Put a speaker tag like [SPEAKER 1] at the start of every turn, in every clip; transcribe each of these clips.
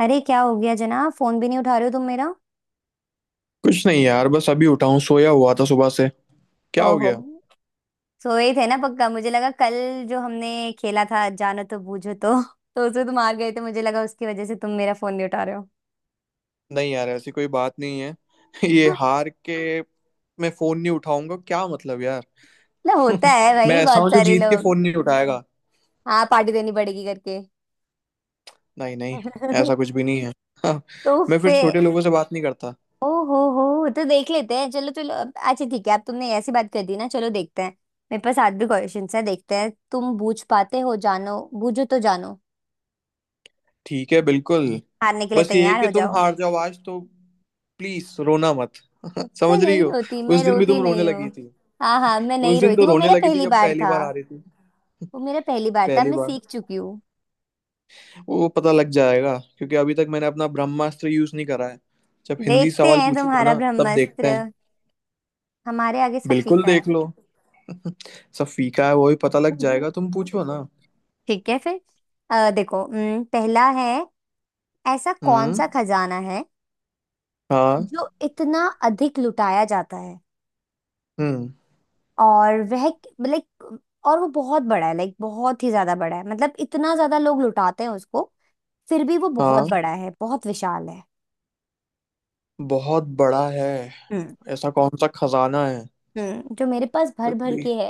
[SPEAKER 1] अरे क्या हो गया जनाब? फोन भी नहीं उठा रहे हो तुम मेरा।
[SPEAKER 2] कुछ नहीं यार, बस अभी उठा हूँ। सोया हुआ था सुबह से। क्या हो
[SPEAKER 1] ओहो,
[SPEAKER 2] गया।
[SPEAKER 1] सोए थे ना पक्का। मुझे लगा कल जो हमने खेला था जानो तो बूझो तो उसमें तुम हार गए थे, मुझे लगा उसकी वजह से तुम मेरा फोन नहीं उठा रहे हो।
[SPEAKER 2] नहीं यार, ऐसी कोई बात नहीं है। ये हार के मैं फोन नहीं उठाऊंगा क्या? मतलब यार।
[SPEAKER 1] ना, होता है भाई,
[SPEAKER 2] मैं ऐसा
[SPEAKER 1] बहुत
[SPEAKER 2] हूँ जो
[SPEAKER 1] सारे
[SPEAKER 2] जीत के
[SPEAKER 1] लोग।
[SPEAKER 2] फोन नहीं उठाएगा।
[SPEAKER 1] हाँ, पार्टी देनी पड़ेगी करके।
[SPEAKER 2] नहीं नहीं, ऐसा कुछ भी नहीं है। हाँ।
[SPEAKER 1] तो
[SPEAKER 2] मैं फिर
[SPEAKER 1] फिर?
[SPEAKER 2] छोटे लोगों से बात नहीं करता।
[SPEAKER 1] ओ हो, तो देख लेते हैं। चलो चलो अच्छा ठीक है, अब तुमने ऐसी बात कर दी ना, चलो देखते हैं। मेरे पास आज भी क्वेश्चन है, देखते हैं तुम बूझ पाते हो। जानो बूझो तो जानो।
[SPEAKER 2] ठीक है बिल्कुल।
[SPEAKER 1] हारने के लिए
[SPEAKER 2] बस ये है
[SPEAKER 1] तैयार
[SPEAKER 2] कि
[SPEAKER 1] हो
[SPEAKER 2] तुम
[SPEAKER 1] जाओ।
[SPEAKER 2] हार जाओ आज तो। प्लीज रोना मत।
[SPEAKER 1] मैं
[SPEAKER 2] समझ रही
[SPEAKER 1] नहीं
[SPEAKER 2] हो।
[SPEAKER 1] रोती,
[SPEAKER 2] उस
[SPEAKER 1] मैं
[SPEAKER 2] दिन भी
[SPEAKER 1] रोती
[SPEAKER 2] तुम रोने
[SPEAKER 1] नहीं
[SPEAKER 2] लगी
[SPEAKER 1] हूँ।
[SPEAKER 2] थी।
[SPEAKER 1] हाँ हाँ, मैं
[SPEAKER 2] उस
[SPEAKER 1] नहीं
[SPEAKER 2] दिन
[SPEAKER 1] रोई
[SPEAKER 2] तो
[SPEAKER 1] थी, वो
[SPEAKER 2] रोने
[SPEAKER 1] मेरा
[SPEAKER 2] लगी थी
[SPEAKER 1] पहली
[SPEAKER 2] जब
[SPEAKER 1] बार
[SPEAKER 2] पहली
[SPEAKER 1] था।
[SPEAKER 2] बार हारी थी।
[SPEAKER 1] वो मेरा पहली बार था,
[SPEAKER 2] पहली
[SPEAKER 1] मैं
[SPEAKER 2] बार।
[SPEAKER 1] सीख चुकी हूँ।
[SPEAKER 2] वो पता लग जाएगा क्योंकि अभी तक मैंने अपना ब्रह्मास्त्र यूज नहीं करा है। जब हिंदी
[SPEAKER 1] देखते
[SPEAKER 2] सवाल
[SPEAKER 1] हैं
[SPEAKER 2] पूछूंगा
[SPEAKER 1] तुम्हारा
[SPEAKER 2] ना, तब देखते
[SPEAKER 1] ब्रह्मास्त्र,
[SPEAKER 2] हैं।
[SPEAKER 1] हमारे आगे सब
[SPEAKER 2] बिल्कुल
[SPEAKER 1] फीका है।
[SPEAKER 2] देख लो। सब फीका है, वो भी पता लग जाएगा। तुम पूछो ना।
[SPEAKER 1] ठीक है फिर। देखो, पहला है, ऐसा कौन
[SPEAKER 2] हम्म।
[SPEAKER 1] सा खजाना है
[SPEAKER 2] हाँ।
[SPEAKER 1] जो इतना अधिक लुटाया जाता है,
[SPEAKER 2] हम्म।
[SPEAKER 1] और वह लाइक और वो बहुत बड़ा है, बहुत ही ज्यादा बड़ा है, मतलब इतना ज्यादा लोग लुटाते हैं उसको फिर भी वो बहुत
[SPEAKER 2] हाँ,
[SPEAKER 1] बड़ा है, बहुत विशाल है।
[SPEAKER 2] बहुत बड़ा है।
[SPEAKER 1] हम्म।
[SPEAKER 2] ऐसा कौन सा खजाना है?
[SPEAKER 1] हम्म, जो मेरे पास भर
[SPEAKER 2] फिर
[SPEAKER 1] भर
[SPEAKER 2] भी।
[SPEAKER 1] के है।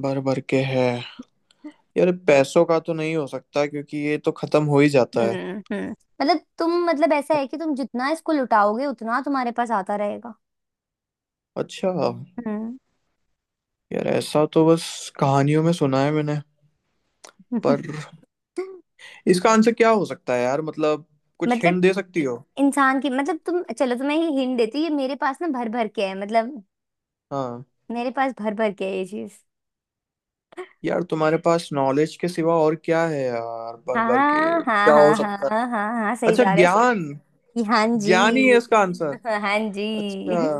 [SPEAKER 2] भर भर के है। यार पैसों का तो नहीं हो सकता क्योंकि ये तो खत्म हो ही जाता है।
[SPEAKER 1] हम्म, मतलब तुम मतलब ऐसा है कि तुम जितना इसको लुटाओगे उतना तुम्हारे पास आता रहेगा।
[SPEAKER 2] अच्छा।
[SPEAKER 1] हम्म।
[SPEAKER 2] यार ऐसा तो बस कहानियों में सुना है मैंने। पर इसका आंसर क्या हो सकता है यार? मतलब कुछ
[SPEAKER 1] मतलब
[SPEAKER 2] हिंट दे सकती हो?
[SPEAKER 1] इंसान की, मतलब तुम चलो तुम्हें ये हिंट देती हूँ, ये मेरे पास ना भर भर के है, मतलब
[SPEAKER 2] हाँ।
[SPEAKER 1] मेरे पास भर भर के है ये चीज।
[SPEAKER 2] यार तुम्हारे पास नॉलेज के सिवा और क्या है यार, भर भर के
[SPEAKER 1] हाँ हाँ
[SPEAKER 2] क्या हो
[SPEAKER 1] हाँ हाँ
[SPEAKER 2] सकता है।
[SPEAKER 1] हाँ। हाँ, सही
[SPEAKER 2] अच्छा
[SPEAKER 1] जा रहे हो,
[SPEAKER 2] ज्ञान।
[SPEAKER 1] सही। हाँ
[SPEAKER 2] ज्ञान ही है
[SPEAKER 1] जी।
[SPEAKER 2] इसका आंसर।
[SPEAKER 1] हाँ
[SPEAKER 2] अच्छा।
[SPEAKER 1] जी।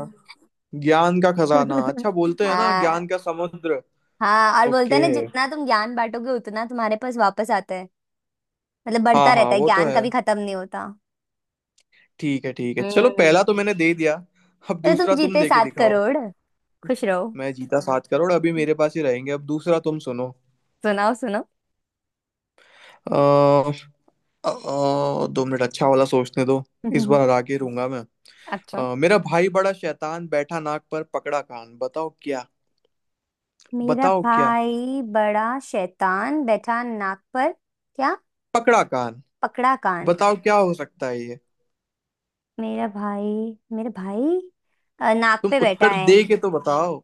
[SPEAKER 2] ज्ञान का खजाना। अच्छा बोलते हैं ना,
[SPEAKER 1] हाँ
[SPEAKER 2] ज्ञान का समुद्र।
[SPEAKER 1] हाँ, और बोलते हैं
[SPEAKER 2] ओके।
[SPEAKER 1] ना जितना तुम ज्ञान बांटोगे उतना तुम्हारे पास वापस आता है। मतलब
[SPEAKER 2] हाँ
[SPEAKER 1] बढ़ता
[SPEAKER 2] हाँ,
[SPEAKER 1] रहता है,
[SPEAKER 2] वो तो
[SPEAKER 1] ज्ञान
[SPEAKER 2] है।
[SPEAKER 1] कभी खत्म नहीं होता।
[SPEAKER 2] ठीक है ठीक है, चलो
[SPEAKER 1] हम्म,
[SPEAKER 2] पहला तो मैंने दे दिया। अब
[SPEAKER 1] तो
[SPEAKER 2] दूसरा
[SPEAKER 1] तुम
[SPEAKER 2] तुम
[SPEAKER 1] जीते
[SPEAKER 2] दे के
[SPEAKER 1] सात
[SPEAKER 2] दिखाओ।
[SPEAKER 1] करोड़ खुश रहो।
[SPEAKER 2] मैं जीता 7 करोड़, अभी मेरे पास ही रहेंगे। अब दूसरा तुम सुनो।
[SPEAKER 1] सुनाओ, सुनो।
[SPEAKER 2] अ, अ, 2 मिनट, अच्छा वाला सोचने दो। इस बार हरा के रूंगा मैं।
[SPEAKER 1] अच्छा।
[SPEAKER 2] मेरा भाई बड़ा शैतान बैठा नाक पर पकड़ा कान। बताओ क्या।
[SPEAKER 1] मेरा
[SPEAKER 2] बताओ क्या।
[SPEAKER 1] भाई बड़ा शैतान, बैठा नाक पर, क्या
[SPEAKER 2] पकड़ा कान।
[SPEAKER 1] पकड़ा? कान।
[SPEAKER 2] बताओ क्या हो सकता है ये।
[SPEAKER 1] मेरा भाई नाक
[SPEAKER 2] तुम
[SPEAKER 1] पे बैठा
[SPEAKER 2] उत्तर
[SPEAKER 1] है।
[SPEAKER 2] दे के तो बताओ।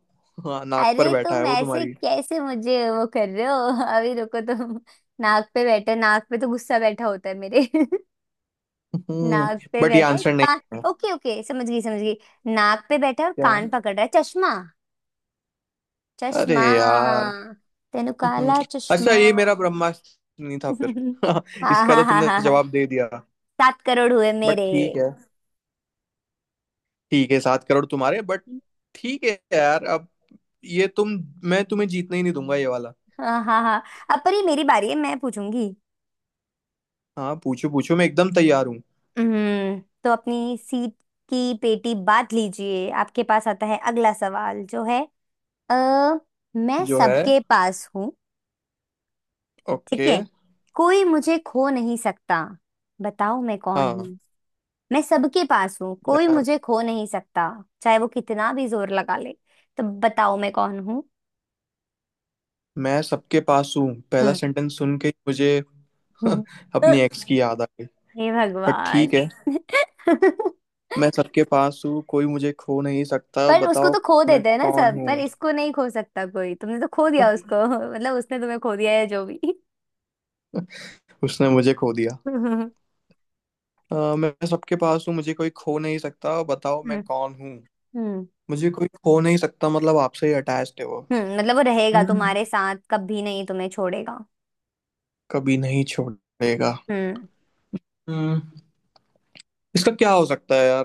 [SPEAKER 2] हाँ नाक पर
[SPEAKER 1] अरे
[SPEAKER 2] बैठा है
[SPEAKER 1] तुम
[SPEAKER 2] वो
[SPEAKER 1] ऐसे
[SPEAKER 2] तुम्हारी।
[SPEAKER 1] कैसे मुझे वो कर रहे हो? अभी रुको तुम। नाक पे बैठा, नाक पे तो गुस्सा बैठा होता है मेरे।
[SPEAKER 2] हम्म।
[SPEAKER 1] नाक पे
[SPEAKER 2] बट ये
[SPEAKER 1] बैठा है
[SPEAKER 2] आंसर नहीं
[SPEAKER 1] कान।
[SPEAKER 2] है
[SPEAKER 1] ओके ओके, समझ गई समझ गई। नाक पे बैठा है और
[SPEAKER 2] क्या?
[SPEAKER 1] कान पकड़ रहा है, चश्मा।
[SPEAKER 2] अरे
[SPEAKER 1] चश्मा,
[SPEAKER 2] यार।
[SPEAKER 1] तेनु
[SPEAKER 2] हम्म,
[SPEAKER 1] काला
[SPEAKER 2] अच्छा,
[SPEAKER 1] चश्मा।
[SPEAKER 2] ये मेरा ब्रह्मास्त्र नहीं था फिर।
[SPEAKER 1] हाँ
[SPEAKER 2] इसका तो
[SPEAKER 1] हाँ हाँ
[SPEAKER 2] तुमने
[SPEAKER 1] हाँ हाँ।
[SPEAKER 2] जवाब दे दिया।
[SPEAKER 1] सात करोड़ हुए
[SPEAKER 2] बट
[SPEAKER 1] मेरे।
[SPEAKER 2] ठीक है। ठीक है, 7 करोड़ तुम्हारे, बट ठीक है यार। अब ये तुम मैं तुम्हें जीतने ही नहीं दूंगा ये वाला।
[SPEAKER 1] हाँ हाँ हाँ, अब पर ये मेरी बारी है, मैं पूछूंगी।
[SPEAKER 2] हाँ पूछो पूछो, मैं एकदम तैयार हूँ।
[SPEAKER 1] हम्म, तो अपनी सीट की पेटी बांध लीजिए, आपके पास आता है अगला सवाल। जो है अ मैं
[SPEAKER 2] जो है।
[SPEAKER 1] सबके पास हूँ, ठीक
[SPEAKER 2] ओके।
[SPEAKER 1] है, कोई मुझे खो नहीं सकता, बताओ मैं कौन
[SPEAKER 2] हाँ
[SPEAKER 1] हूँ? मैं सबके पास हूँ, कोई
[SPEAKER 2] यार,
[SPEAKER 1] मुझे खो नहीं सकता, चाहे वो कितना भी जोर लगा ले, तो बताओ मैं कौन हूँ?
[SPEAKER 2] मैं सबके पास हूँ पहला
[SPEAKER 1] हम्म।
[SPEAKER 2] सेंटेंस सुन के ही मुझे अपनी एक्स की याद आ गई।
[SPEAKER 1] हे
[SPEAKER 2] पर
[SPEAKER 1] भगवान।
[SPEAKER 2] ठीक है। मैं सबके पास हूँ, कोई मुझे खो नहीं सकता,
[SPEAKER 1] पर उसको
[SPEAKER 2] बताओ
[SPEAKER 1] तो खो
[SPEAKER 2] मैं
[SPEAKER 1] देते हैं ना
[SPEAKER 2] कौन
[SPEAKER 1] सब, पर
[SPEAKER 2] हूँ।
[SPEAKER 1] इसको नहीं खो सकता कोई। तुमने तो खो दिया उसको, मतलब उसने तुम्हें खो दिया है जो भी।
[SPEAKER 2] उसने मुझे खो दिया।
[SPEAKER 1] हम्म
[SPEAKER 2] मैं सबके पास हूँ, मुझे कोई खो नहीं सकता, बताओ मैं कौन हूँ।
[SPEAKER 1] हम्म
[SPEAKER 2] मुझे कोई खो नहीं सकता, मतलब आपसे ही अटैच्ड है वो।
[SPEAKER 1] मतलब वो रहेगा
[SPEAKER 2] हम्म।
[SPEAKER 1] तुम्हारे साथ, कभी नहीं तुम्हें छोड़ेगा।
[SPEAKER 2] कभी नहीं छोड़ेगा।
[SPEAKER 1] हम्म,
[SPEAKER 2] हम्म। इसका क्या हो सकता है यार?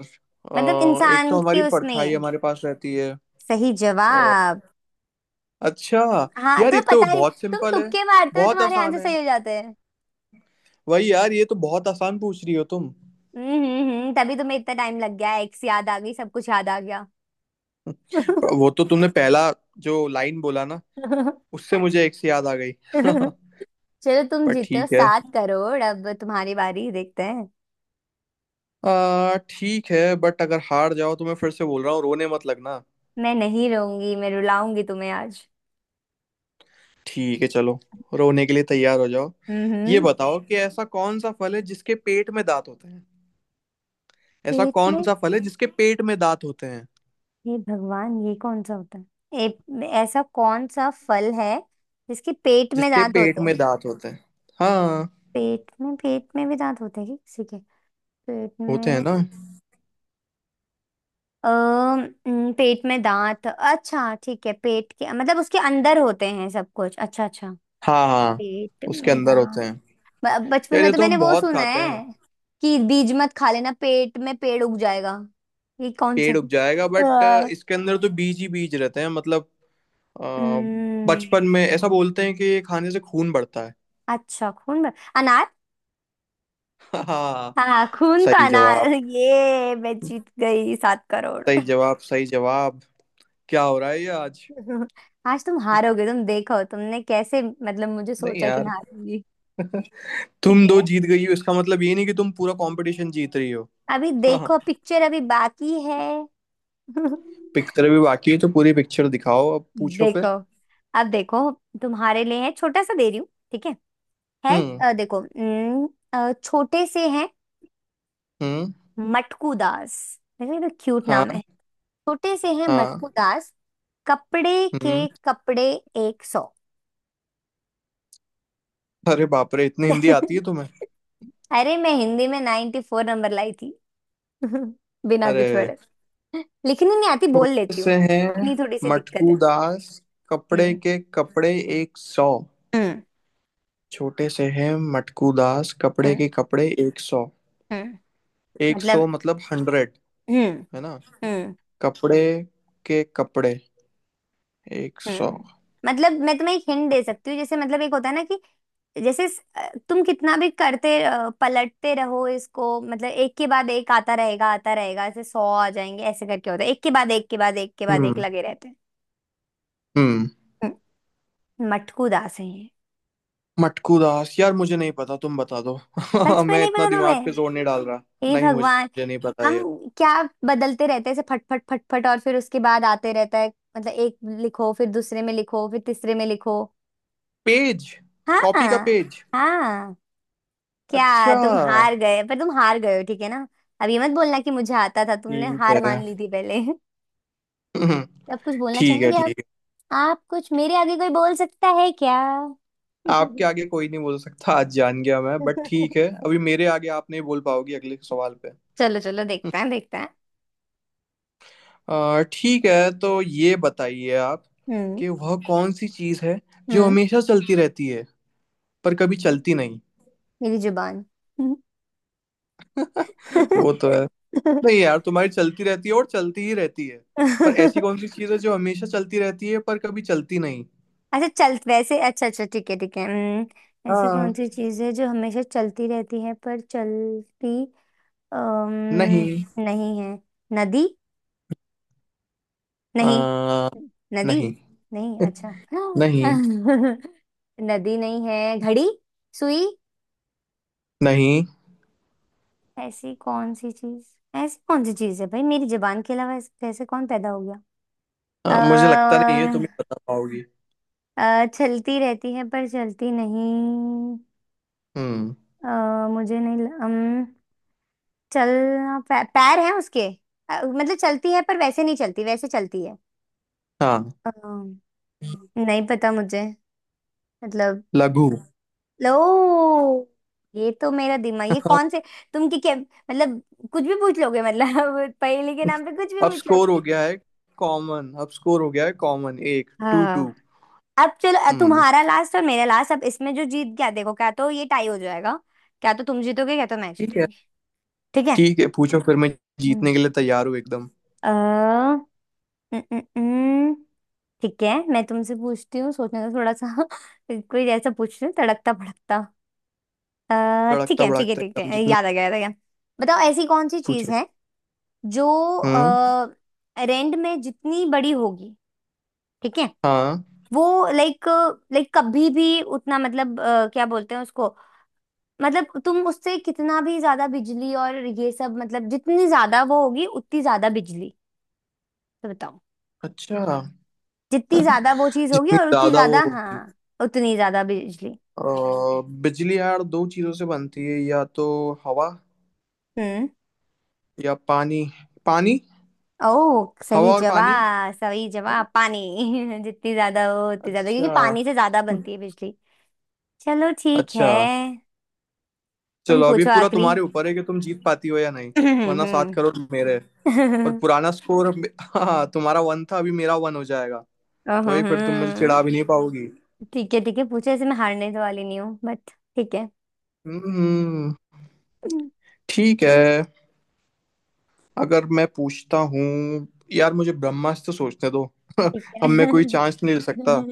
[SPEAKER 1] मतलब
[SPEAKER 2] एक
[SPEAKER 1] इंसान
[SPEAKER 2] तो
[SPEAKER 1] के
[SPEAKER 2] हमारी
[SPEAKER 1] उसमें ही
[SPEAKER 2] परछाई
[SPEAKER 1] है।
[SPEAKER 2] हमारे पास रहती है।
[SPEAKER 1] सही
[SPEAKER 2] और
[SPEAKER 1] जवाब।
[SPEAKER 2] अच्छा।
[SPEAKER 1] हाँ,
[SPEAKER 2] यार ये
[SPEAKER 1] तुम्हें
[SPEAKER 2] तो
[SPEAKER 1] पता ही।
[SPEAKER 2] बहुत
[SPEAKER 1] तुम
[SPEAKER 2] सिंपल है,
[SPEAKER 1] तुक्के मारते हो,
[SPEAKER 2] बहुत
[SPEAKER 1] तुम्हारे
[SPEAKER 2] आसान
[SPEAKER 1] आंसर सही
[SPEAKER 2] है।
[SPEAKER 1] हो जाते हैं।
[SPEAKER 2] वही यार, ये तो बहुत आसान पूछ रही हो तुम।
[SPEAKER 1] तभी तुम्हें इतना टाइम लग गया, एक्स याद आ गई, सब कुछ याद आ गया।
[SPEAKER 2] पर वो तो तुमने पहला जो लाइन बोला ना, उससे मुझे एक से याद आ गई।
[SPEAKER 1] चलो तुम
[SPEAKER 2] पर
[SPEAKER 1] जीते हो
[SPEAKER 2] ठीक है।
[SPEAKER 1] 7 करोड़, अब तुम्हारी बारी देखते हैं।
[SPEAKER 2] आ ठीक है, बट अगर हार जाओ तो मैं फिर से बोल रहा हूँ, रोने मत लगना।
[SPEAKER 1] मैं नहीं रहूंगी, मैं रुलाऊंगी तुम्हें आज।
[SPEAKER 2] ठीक है चलो, रोने के लिए तैयार हो जाओ।
[SPEAKER 1] हम्म
[SPEAKER 2] ये
[SPEAKER 1] हम्म।
[SPEAKER 2] बताओ कि ऐसा कौन सा फल है जिसके पेट में दांत होते। ऐसा
[SPEAKER 1] पेट
[SPEAKER 2] कौन
[SPEAKER 1] में?
[SPEAKER 2] सा फल है जिसके पेट में दांत होते हैं?
[SPEAKER 1] हे भगवान, ये कौन सा होता है? ए, ऐसा कौन सा फल है जिसके पेट में
[SPEAKER 2] जिसके
[SPEAKER 1] दांत
[SPEAKER 2] पेट
[SPEAKER 1] होते
[SPEAKER 2] में
[SPEAKER 1] हैं?
[SPEAKER 2] दांत होते हैं। हाँ।
[SPEAKER 1] पेट में, पेट में भी दांत होते हैं क्या किसी के? पेट
[SPEAKER 2] होते हैं
[SPEAKER 1] में
[SPEAKER 2] ना।
[SPEAKER 1] अ, न, पेट में दांत, अच्छा ठीक है, पेट के मतलब उसके अंदर होते हैं सब कुछ, अच्छा अच्छा।
[SPEAKER 2] हाँ हाँ,
[SPEAKER 1] पेट
[SPEAKER 2] उसके
[SPEAKER 1] में
[SPEAKER 2] अंदर होते
[SPEAKER 1] दांत,
[SPEAKER 2] हैं।
[SPEAKER 1] बचपन
[SPEAKER 2] यार
[SPEAKER 1] में
[SPEAKER 2] ये
[SPEAKER 1] तो
[SPEAKER 2] तो
[SPEAKER 1] मैंने
[SPEAKER 2] हम
[SPEAKER 1] वो
[SPEAKER 2] बहुत
[SPEAKER 1] सुना
[SPEAKER 2] खाते
[SPEAKER 1] है
[SPEAKER 2] हैं।
[SPEAKER 1] कि बीज मत खा लेना पेट में पेड़ उग जाएगा। ये कौन सा
[SPEAKER 2] पेड़
[SPEAKER 1] है?
[SPEAKER 2] उग जाएगा, बट
[SPEAKER 1] हाँ,
[SPEAKER 2] इसके अंदर तो बीज ही बीज रहते हैं मतलब। अ,
[SPEAKER 1] हम्म,
[SPEAKER 2] बचपन में ऐसा बोलते हैं कि ये खाने से खून बढ़ता है।
[SPEAKER 1] अच्छा खून में, अनार।
[SPEAKER 2] हाँ हाँ।
[SPEAKER 1] हाँ, खून तो
[SPEAKER 2] सही
[SPEAKER 1] अनार,
[SPEAKER 2] जवाब।
[SPEAKER 1] ये मैं जीत गई सात
[SPEAKER 2] सही
[SPEAKER 1] करोड़
[SPEAKER 2] जवाब सही जवाब। क्या हो रहा है ये आज।
[SPEAKER 1] आज तुम हारोगे, तुम देखो, तुमने कैसे मतलब मुझे
[SPEAKER 2] नहीं
[SPEAKER 1] सोचा कि मैं
[SPEAKER 2] यार,
[SPEAKER 1] हारूंगी। ठीक
[SPEAKER 2] तुम दो
[SPEAKER 1] है,
[SPEAKER 2] जीत गई हो, इसका मतलब ये नहीं कि तुम पूरा कंपटीशन जीत रही हो।
[SPEAKER 1] अभी देखो पिक्चर अभी बाकी है।
[SPEAKER 2] पिक्चर भी बाकी है, तो पूरी पिक्चर दिखाओ। अब पूछो
[SPEAKER 1] देखो,
[SPEAKER 2] फिर।
[SPEAKER 1] अब देखो, तुम्हारे लिए है छोटा सा दे रही हूँ ठीक है। है
[SPEAKER 2] हम्म।
[SPEAKER 1] देखो न, छोटे से हैं
[SPEAKER 2] हम्म।
[SPEAKER 1] मटकू दास, देखो ये तो क्यूट नाम
[SPEAKER 2] हाँ।
[SPEAKER 1] है। छोटे से हैं
[SPEAKER 2] हाँ।
[SPEAKER 1] मटकू दास, कपड़े
[SPEAKER 2] हम्म।
[SPEAKER 1] के कपड़े 100।
[SPEAKER 2] अरे बाप रे, इतनी हिंदी आती है तुम्हें।
[SPEAKER 1] अरे, मैं हिंदी में 94 नंबर लाई थी। बिना कुछ
[SPEAKER 2] अरे।
[SPEAKER 1] पढ़े। लिखनी नहीं आती, बोल
[SPEAKER 2] छोटे
[SPEAKER 1] लेती
[SPEAKER 2] से
[SPEAKER 1] हूँ,
[SPEAKER 2] हैं
[SPEAKER 1] इतनी थोड़ी सी दिक्कत
[SPEAKER 2] मटकू
[SPEAKER 1] है।
[SPEAKER 2] दास, कपड़े
[SPEAKER 1] हम्म
[SPEAKER 2] के कपड़े 100।
[SPEAKER 1] हम्म
[SPEAKER 2] छोटे से हैं मटकू दास, कपड़े
[SPEAKER 1] हम्म
[SPEAKER 2] के कपड़े एक सौ।
[SPEAKER 1] हम्म,
[SPEAKER 2] एक सौ
[SPEAKER 1] मतलब
[SPEAKER 2] मतलब हंड्रेड,
[SPEAKER 1] हम्म
[SPEAKER 2] है ना।
[SPEAKER 1] हम्म
[SPEAKER 2] कपड़े के कपड़े 100।
[SPEAKER 1] हम्म, मतलब मैं तुम्हें एक हिंट दे सकती हूँ। जैसे मतलब एक होता है ना कि जैसे तुम कितना भी करते पलटते रहो इसको, मतलब एक के बाद एक आता रहेगा आता रहेगा, ऐसे सौ आ जाएंगे ऐसे करके होता है, एक के बाद एक के बाद एक के बाद एक
[SPEAKER 2] हम्म।
[SPEAKER 1] लगे रहते हैं।
[SPEAKER 2] हम्म।
[SPEAKER 1] हम्म। मटकू दास है ये।
[SPEAKER 2] मटकू दास, यार मुझे नहीं पता, तुम बता दो।
[SPEAKER 1] सच में
[SPEAKER 2] मैं
[SPEAKER 1] नहीं
[SPEAKER 2] इतना
[SPEAKER 1] पता
[SPEAKER 2] दिमाग पे
[SPEAKER 1] तुम्हें?
[SPEAKER 2] जोर नहीं डाल रहा।
[SPEAKER 1] हे
[SPEAKER 2] नहीं,
[SPEAKER 1] भगवान।
[SPEAKER 2] मुझे नहीं पता
[SPEAKER 1] हम,
[SPEAKER 2] ये।
[SPEAKER 1] क्या? बदलते रहते हैं ऐसे फट फट फट फट और फिर उसके बाद आते रहता है, मतलब एक लिखो फिर दूसरे में लिखो फिर तीसरे में लिखो।
[SPEAKER 2] पेज। कॉपी का
[SPEAKER 1] हाँ,
[SPEAKER 2] पेज।
[SPEAKER 1] हाँ, क्या
[SPEAKER 2] अच्छा।
[SPEAKER 1] तुम हार गए? पर तुम हार गए हो ठीक है ना, अब ये मत बोलना कि मुझे आता था, तुमने
[SPEAKER 2] ठीक
[SPEAKER 1] हार
[SPEAKER 2] है।
[SPEAKER 1] मान ली थी पहले।
[SPEAKER 2] हम्म,
[SPEAKER 1] अब कुछ बोलना
[SPEAKER 2] ठीक है
[SPEAKER 1] चाहेंगे आप?
[SPEAKER 2] ठीक है।
[SPEAKER 1] आप, कुछ मेरे आगे कोई बोल सकता है क्या?
[SPEAKER 2] आपके आगे कोई नहीं बोल सकता, आज जान गया मैं, बट ठीक है। अभी मेरे आगे आप नहीं बोल पाओगी अगले सवाल पे।
[SPEAKER 1] चलो चलो, देखते हैं देखते हैं।
[SPEAKER 2] ठीक है, तो ये बताइए आप
[SPEAKER 1] हम्म
[SPEAKER 2] कि वह कौन सी चीज है जो
[SPEAKER 1] हम्म,
[SPEAKER 2] हमेशा चलती रहती है पर कभी चलती नहीं।
[SPEAKER 1] मेरी जुबान।
[SPEAKER 2] वो तो है। नहीं यार, तुम्हारी चलती रहती है और चलती ही रहती है। पर ऐसी कौन सी चीज है जो हमेशा चलती रहती है पर कभी चलती नहीं?
[SPEAKER 1] अच्छा चल, वैसे अच्छा अच्छा, ठीक है ठीक है, ऐसी
[SPEAKER 2] हाँ।
[SPEAKER 1] कौन सी चीज है जो हमेशा चलती रहती है पर चलती
[SPEAKER 2] नहीं।
[SPEAKER 1] नहीं है। नदी? नहीं,
[SPEAKER 2] आ,
[SPEAKER 1] नदी।
[SPEAKER 2] नहीं।
[SPEAKER 1] नहीं अच्छा,
[SPEAKER 2] नहीं
[SPEAKER 1] नदी नहीं है, घड़ी, सुई?
[SPEAKER 2] नहीं।
[SPEAKER 1] ऐसी कौन सी चीज, ऐसी कौन सी चीज है भाई, मेरी जुबान के अलावा ऐसे कैसे कौन पैदा हो गया?
[SPEAKER 2] हाँ मुझे लगता
[SPEAKER 1] अ
[SPEAKER 2] नहीं है तुम ही बता पाओगी।
[SPEAKER 1] चलती रहती है पर चलती नहीं।
[SPEAKER 2] हम्म।
[SPEAKER 1] मुझे नहीं चलना पैर है उसके। मतलब चलती है पर वैसे नहीं चलती, वैसे चलती है।
[SPEAKER 2] हाँ।
[SPEAKER 1] अ, नहीं पता मुझे मतलब।
[SPEAKER 2] लघु।
[SPEAKER 1] लो, ये तो मेरा दिमाग, ये
[SPEAKER 2] हाँ।
[SPEAKER 1] कौन से तुम की क्या मतलब, कुछ भी पूछ लोगे मतलब। पहेली के नाम पे कुछ भी
[SPEAKER 2] अब
[SPEAKER 1] पूछ
[SPEAKER 2] स्कोर
[SPEAKER 1] लोगे।
[SPEAKER 2] हो गया है अब स्कोर हो गया है कॉमन एक टू टू।
[SPEAKER 1] हाँ, अब चलो,
[SPEAKER 2] हम्म।
[SPEAKER 1] तुम्हारा लास्ट और मेरा लास्ट, अब इसमें जो जीत गया देखो, क्या तो ये टाई हो जाएगा, क्या तो तुम जीतोगे, क्या तो मैं
[SPEAKER 2] ठीक है
[SPEAKER 1] जीतूंगी। ठीक है।
[SPEAKER 2] ठीक है, पूछो फिर। मैं
[SPEAKER 1] हम्म,
[SPEAKER 2] जीतने के लिए तैयार हूँ एकदम।
[SPEAKER 1] अ, न, न, न, ठीक है, मैं तुमसे पूछती हूँ, सोचने का थोड़ा सा। कोई ऐसा पूछ रही, तड़कता भड़कता। ठीक
[SPEAKER 2] तड़कता
[SPEAKER 1] है ठीक है
[SPEAKER 2] भड़कता
[SPEAKER 1] ठीक
[SPEAKER 2] एकदम
[SPEAKER 1] है,
[SPEAKER 2] जितना।
[SPEAKER 1] याद आ गया याद आ गया। बताओ ऐसी कौन सी चीज
[SPEAKER 2] पूछो।
[SPEAKER 1] है जो
[SPEAKER 2] हम्म।
[SPEAKER 1] रेंट में जितनी बड़ी होगी, ठीक है,
[SPEAKER 2] हाँ।
[SPEAKER 1] वो लाइक लाइक कभी भी उतना, मतलब क्या बोलते हैं उसको, मतलब तुम उससे कितना भी ज्यादा बिजली और ये सब, मतलब जितनी ज्यादा वो होगी उतनी ज्यादा बिजली, तो बताओ
[SPEAKER 2] अच्छा।
[SPEAKER 1] जितनी ज्यादा वो चीज होगी
[SPEAKER 2] जितनी
[SPEAKER 1] और उतनी
[SPEAKER 2] ज्यादा वो
[SPEAKER 1] ज्यादा। हाँ,
[SPEAKER 2] होगी।
[SPEAKER 1] उतनी ज्यादा बिजली।
[SPEAKER 2] अ, बिजली यार दो चीजों से बनती है, या तो हवा
[SPEAKER 1] हम्म।
[SPEAKER 2] या पानी। पानी।
[SPEAKER 1] ओ,
[SPEAKER 2] हवा
[SPEAKER 1] सही
[SPEAKER 2] और पानी।
[SPEAKER 1] जवाब सही जवाब, पानी। जितनी ज्यादा हो उतनी ज्यादा, क्योंकि
[SPEAKER 2] अच्छा।
[SPEAKER 1] पानी से ज्यादा बनती है बिजली। चलो ठीक है।
[SPEAKER 2] अच्छा
[SPEAKER 1] तुम
[SPEAKER 2] चलो, अभी
[SPEAKER 1] पूछो
[SPEAKER 2] पूरा
[SPEAKER 1] आखिरी।
[SPEAKER 2] तुम्हारे ऊपर है कि तुम जीत पाती हो या नहीं। वरना सात
[SPEAKER 1] हम्म।
[SPEAKER 2] करोड़ मेरे हैं। और पुराना स्कोर। हाँ तुम्हारा वन था, अभी मेरा वन हो जाएगा। तो वही, फिर तुम मुझे
[SPEAKER 1] अहं,
[SPEAKER 2] चिढ़ा भी नहीं पाओगी।
[SPEAKER 1] ठीक है ठीक है, पूछो, ऐसे मैं हारने तो वाली नहीं हूँ बट ठीक है
[SPEAKER 2] हम्म। ठीक है। अगर मैं पूछता हूँ। यार मुझे ब्रह्मास्त्र सोचने दो।
[SPEAKER 1] ठीक
[SPEAKER 2] अब
[SPEAKER 1] है।
[SPEAKER 2] मैं कोई चांस नहीं ले सकता।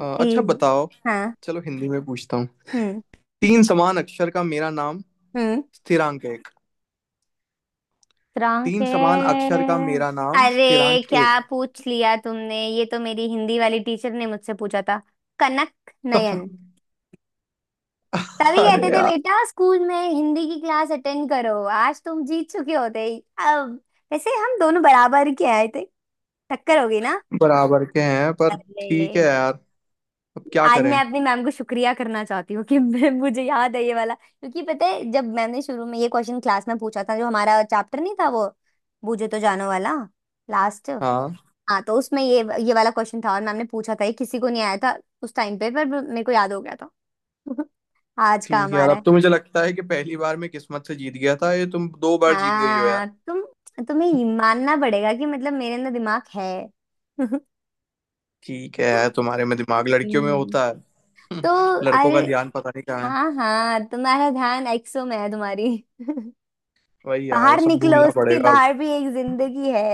[SPEAKER 2] अच्छा
[SPEAKER 1] इस-
[SPEAKER 2] बताओ।
[SPEAKER 1] हाँ।
[SPEAKER 2] चलो हिंदी में पूछता हूँ।
[SPEAKER 1] हम्म
[SPEAKER 2] तीन समान अक्षर का मेरा नाम
[SPEAKER 1] हम्म।
[SPEAKER 2] स्थिरांक एक।
[SPEAKER 1] फ्रांक
[SPEAKER 2] तीन समान
[SPEAKER 1] है?
[SPEAKER 2] अक्षर का मेरा नाम
[SPEAKER 1] अरे
[SPEAKER 2] स्थिरांक
[SPEAKER 1] क्या
[SPEAKER 2] एक।
[SPEAKER 1] पूछ लिया तुमने, ये तो मेरी हिंदी वाली टीचर ने मुझसे पूछा था। कनक नयन। तभी
[SPEAKER 2] अरे।
[SPEAKER 1] कहते थे बेटा स्कूल में हिंदी की क्लास अटेंड करो, आज तुम जीत चुके होते। अब वैसे हम दोनों बराबर के आए थे, टक्कर होगी ना।
[SPEAKER 2] बराबर के हैं पर। ठीक है
[SPEAKER 1] अरे,
[SPEAKER 2] यार, अब क्या
[SPEAKER 1] आज
[SPEAKER 2] करें।
[SPEAKER 1] मैं अपनी मैम को शुक्रिया करना चाहती हूँ कि मुझे याद है ये वाला। क्योंकि पता है जब मैम ने शुरू में ये क्वेश्चन क्लास में पूछा था जो हमारा चैप्टर नहीं था वो, बूझे तो जानो वाला लास्ट।
[SPEAKER 2] हाँ।
[SPEAKER 1] हाँ, तो उसमें ये वाला क्वेश्चन था, और मैम ने पूछा था, ये किसी को नहीं आया था उस टाइम पे पर मेरे को याद हो गया था। आज
[SPEAKER 2] ठीक
[SPEAKER 1] काम
[SPEAKER 2] है
[SPEAKER 1] आ
[SPEAKER 2] यार,
[SPEAKER 1] रहा
[SPEAKER 2] अब
[SPEAKER 1] है।
[SPEAKER 2] तो मुझे लगता है कि पहली बार मैं किस्मत से जीत गया था ये। तुम दो बार जीत गई हो यार।
[SPEAKER 1] हाँ तुम, तुम्हें ये मानना पड़ेगा कि मतलब मेरे अंदर दिमाग है।
[SPEAKER 2] ठीक है यार, तुम्हारे में दिमाग, लड़कियों में
[SPEAKER 1] हम्म।
[SPEAKER 2] होता है।
[SPEAKER 1] तो
[SPEAKER 2] लड़कों
[SPEAKER 1] अरे,
[SPEAKER 2] का ध्यान पता नहीं कहाँ है।
[SPEAKER 1] हाँ हाँ, तुम्हारा ध्यान एक्सो में है तुम्हारी।
[SPEAKER 2] वही यार, ये
[SPEAKER 1] बाहर
[SPEAKER 2] सब
[SPEAKER 1] निकलो,
[SPEAKER 2] भूलना
[SPEAKER 1] उसके
[SPEAKER 2] पड़ेगा अब।
[SPEAKER 1] बाहर भी एक जिंदगी है।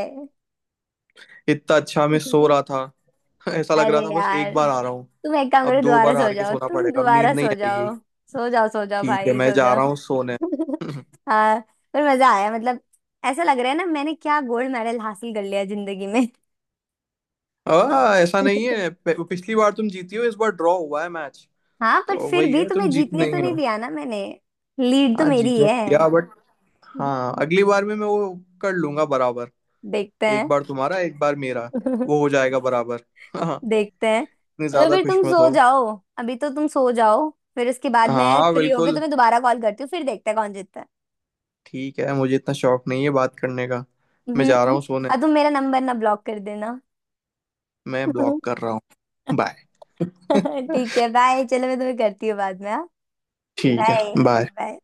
[SPEAKER 2] इतना अच्छा मैं सो रहा था। ऐसा लग
[SPEAKER 1] अरे
[SPEAKER 2] रहा था बस, एक
[SPEAKER 1] यार,
[SPEAKER 2] बार आ रहा हूँ।
[SPEAKER 1] तुम एक काम
[SPEAKER 2] अब
[SPEAKER 1] करो,
[SPEAKER 2] दो
[SPEAKER 1] दोबारा
[SPEAKER 2] बार
[SPEAKER 1] सो
[SPEAKER 2] हार के
[SPEAKER 1] जाओ,
[SPEAKER 2] सोना
[SPEAKER 1] तुम
[SPEAKER 2] पड़ेगा, अब नींद
[SPEAKER 1] दोबारा
[SPEAKER 2] नहीं
[SPEAKER 1] सो
[SPEAKER 2] आएगी।
[SPEAKER 1] जाओ। सो जाओ सो जाओ
[SPEAKER 2] ठीक है,
[SPEAKER 1] भाई,
[SPEAKER 2] मैं
[SPEAKER 1] सो
[SPEAKER 2] जा
[SPEAKER 1] जाओ।
[SPEAKER 2] रहा हूँ सोने।
[SPEAKER 1] हाँ, पर मजा आया, मतलब ऐसा लग रहा है ना मैंने क्या गोल्ड मेडल हासिल कर लिया जिंदगी में।
[SPEAKER 2] ऐसा नहीं है। पिछली बार तुम जीती हो, इस बार ड्रॉ हुआ है मैच।
[SPEAKER 1] हाँ, पर
[SPEAKER 2] तो
[SPEAKER 1] फिर
[SPEAKER 2] वही
[SPEAKER 1] भी
[SPEAKER 2] है, तुम
[SPEAKER 1] तुम्हें
[SPEAKER 2] जीत
[SPEAKER 1] जीतने तो
[SPEAKER 2] नहीं
[SPEAKER 1] नहीं
[SPEAKER 2] हो।
[SPEAKER 1] दिया ना मैंने, लीड तो
[SPEAKER 2] हाँ
[SPEAKER 1] मेरी ही
[SPEAKER 2] जीतने
[SPEAKER 1] है।
[SPEAKER 2] दिया, बट हाँ अगली बार में मैं वो कर लूंगा बराबर।
[SPEAKER 1] देखते
[SPEAKER 2] एक
[SPEAKER 1] हैं।
[SPEAKER 2] बार तुम्हारा, एक बार मेरा, वो हो जाएगा बराबर। हाँ।
[SPEAKER 1] देखते हैं,
[SPEAKER 2] इतनी
[SPEAKER 1] तो
[SPEAKER 2] ज्यादा
[SPEAKER 1] फिर
[SPEAKER 2] खुश
[SPEAKER 1] तुम
[SPEAKER 2] मत
[SPEAKER 1] सो
[SPEAKER 2] हो।
[SPEAKER 1] जाओ। अभी तो तुम सो जाओ, फिर उसके बाद मैं
[SPEAKER 2] हाँ
[SPEAKER 1] फ्री होके
[SPEAKER 2] बिल्कुल।
[SPEAKER 1] तुम्हें दोबारा कॉल करती हूँ, फिर देखते हैं कौन जीतता है।
[SPEAKER 2] ठीक है, मुझे इतना शौक नहीं है बात करने का। मैं जा रहा
[SPEAKER 1] हम्म।
[SPEAKER 2] हूँ सोने।
[SPEAKER 1] और तुम मेरा नंबर ना ब्लॉक कर देना।
[SPEAKER 2] मैं ब्लॉक कर रहा हूँ। बाय।
[SPEAKER 1] ठीक है बाय, चलो मैं तुम्हें करती हूँ बाद में। हाँ,
[SPEAKER 2] ठीक है
[SPEAKER 1] बाय। हाँ,
[SPEAKER 2] बाय।
[SPEAKER 1] बाय।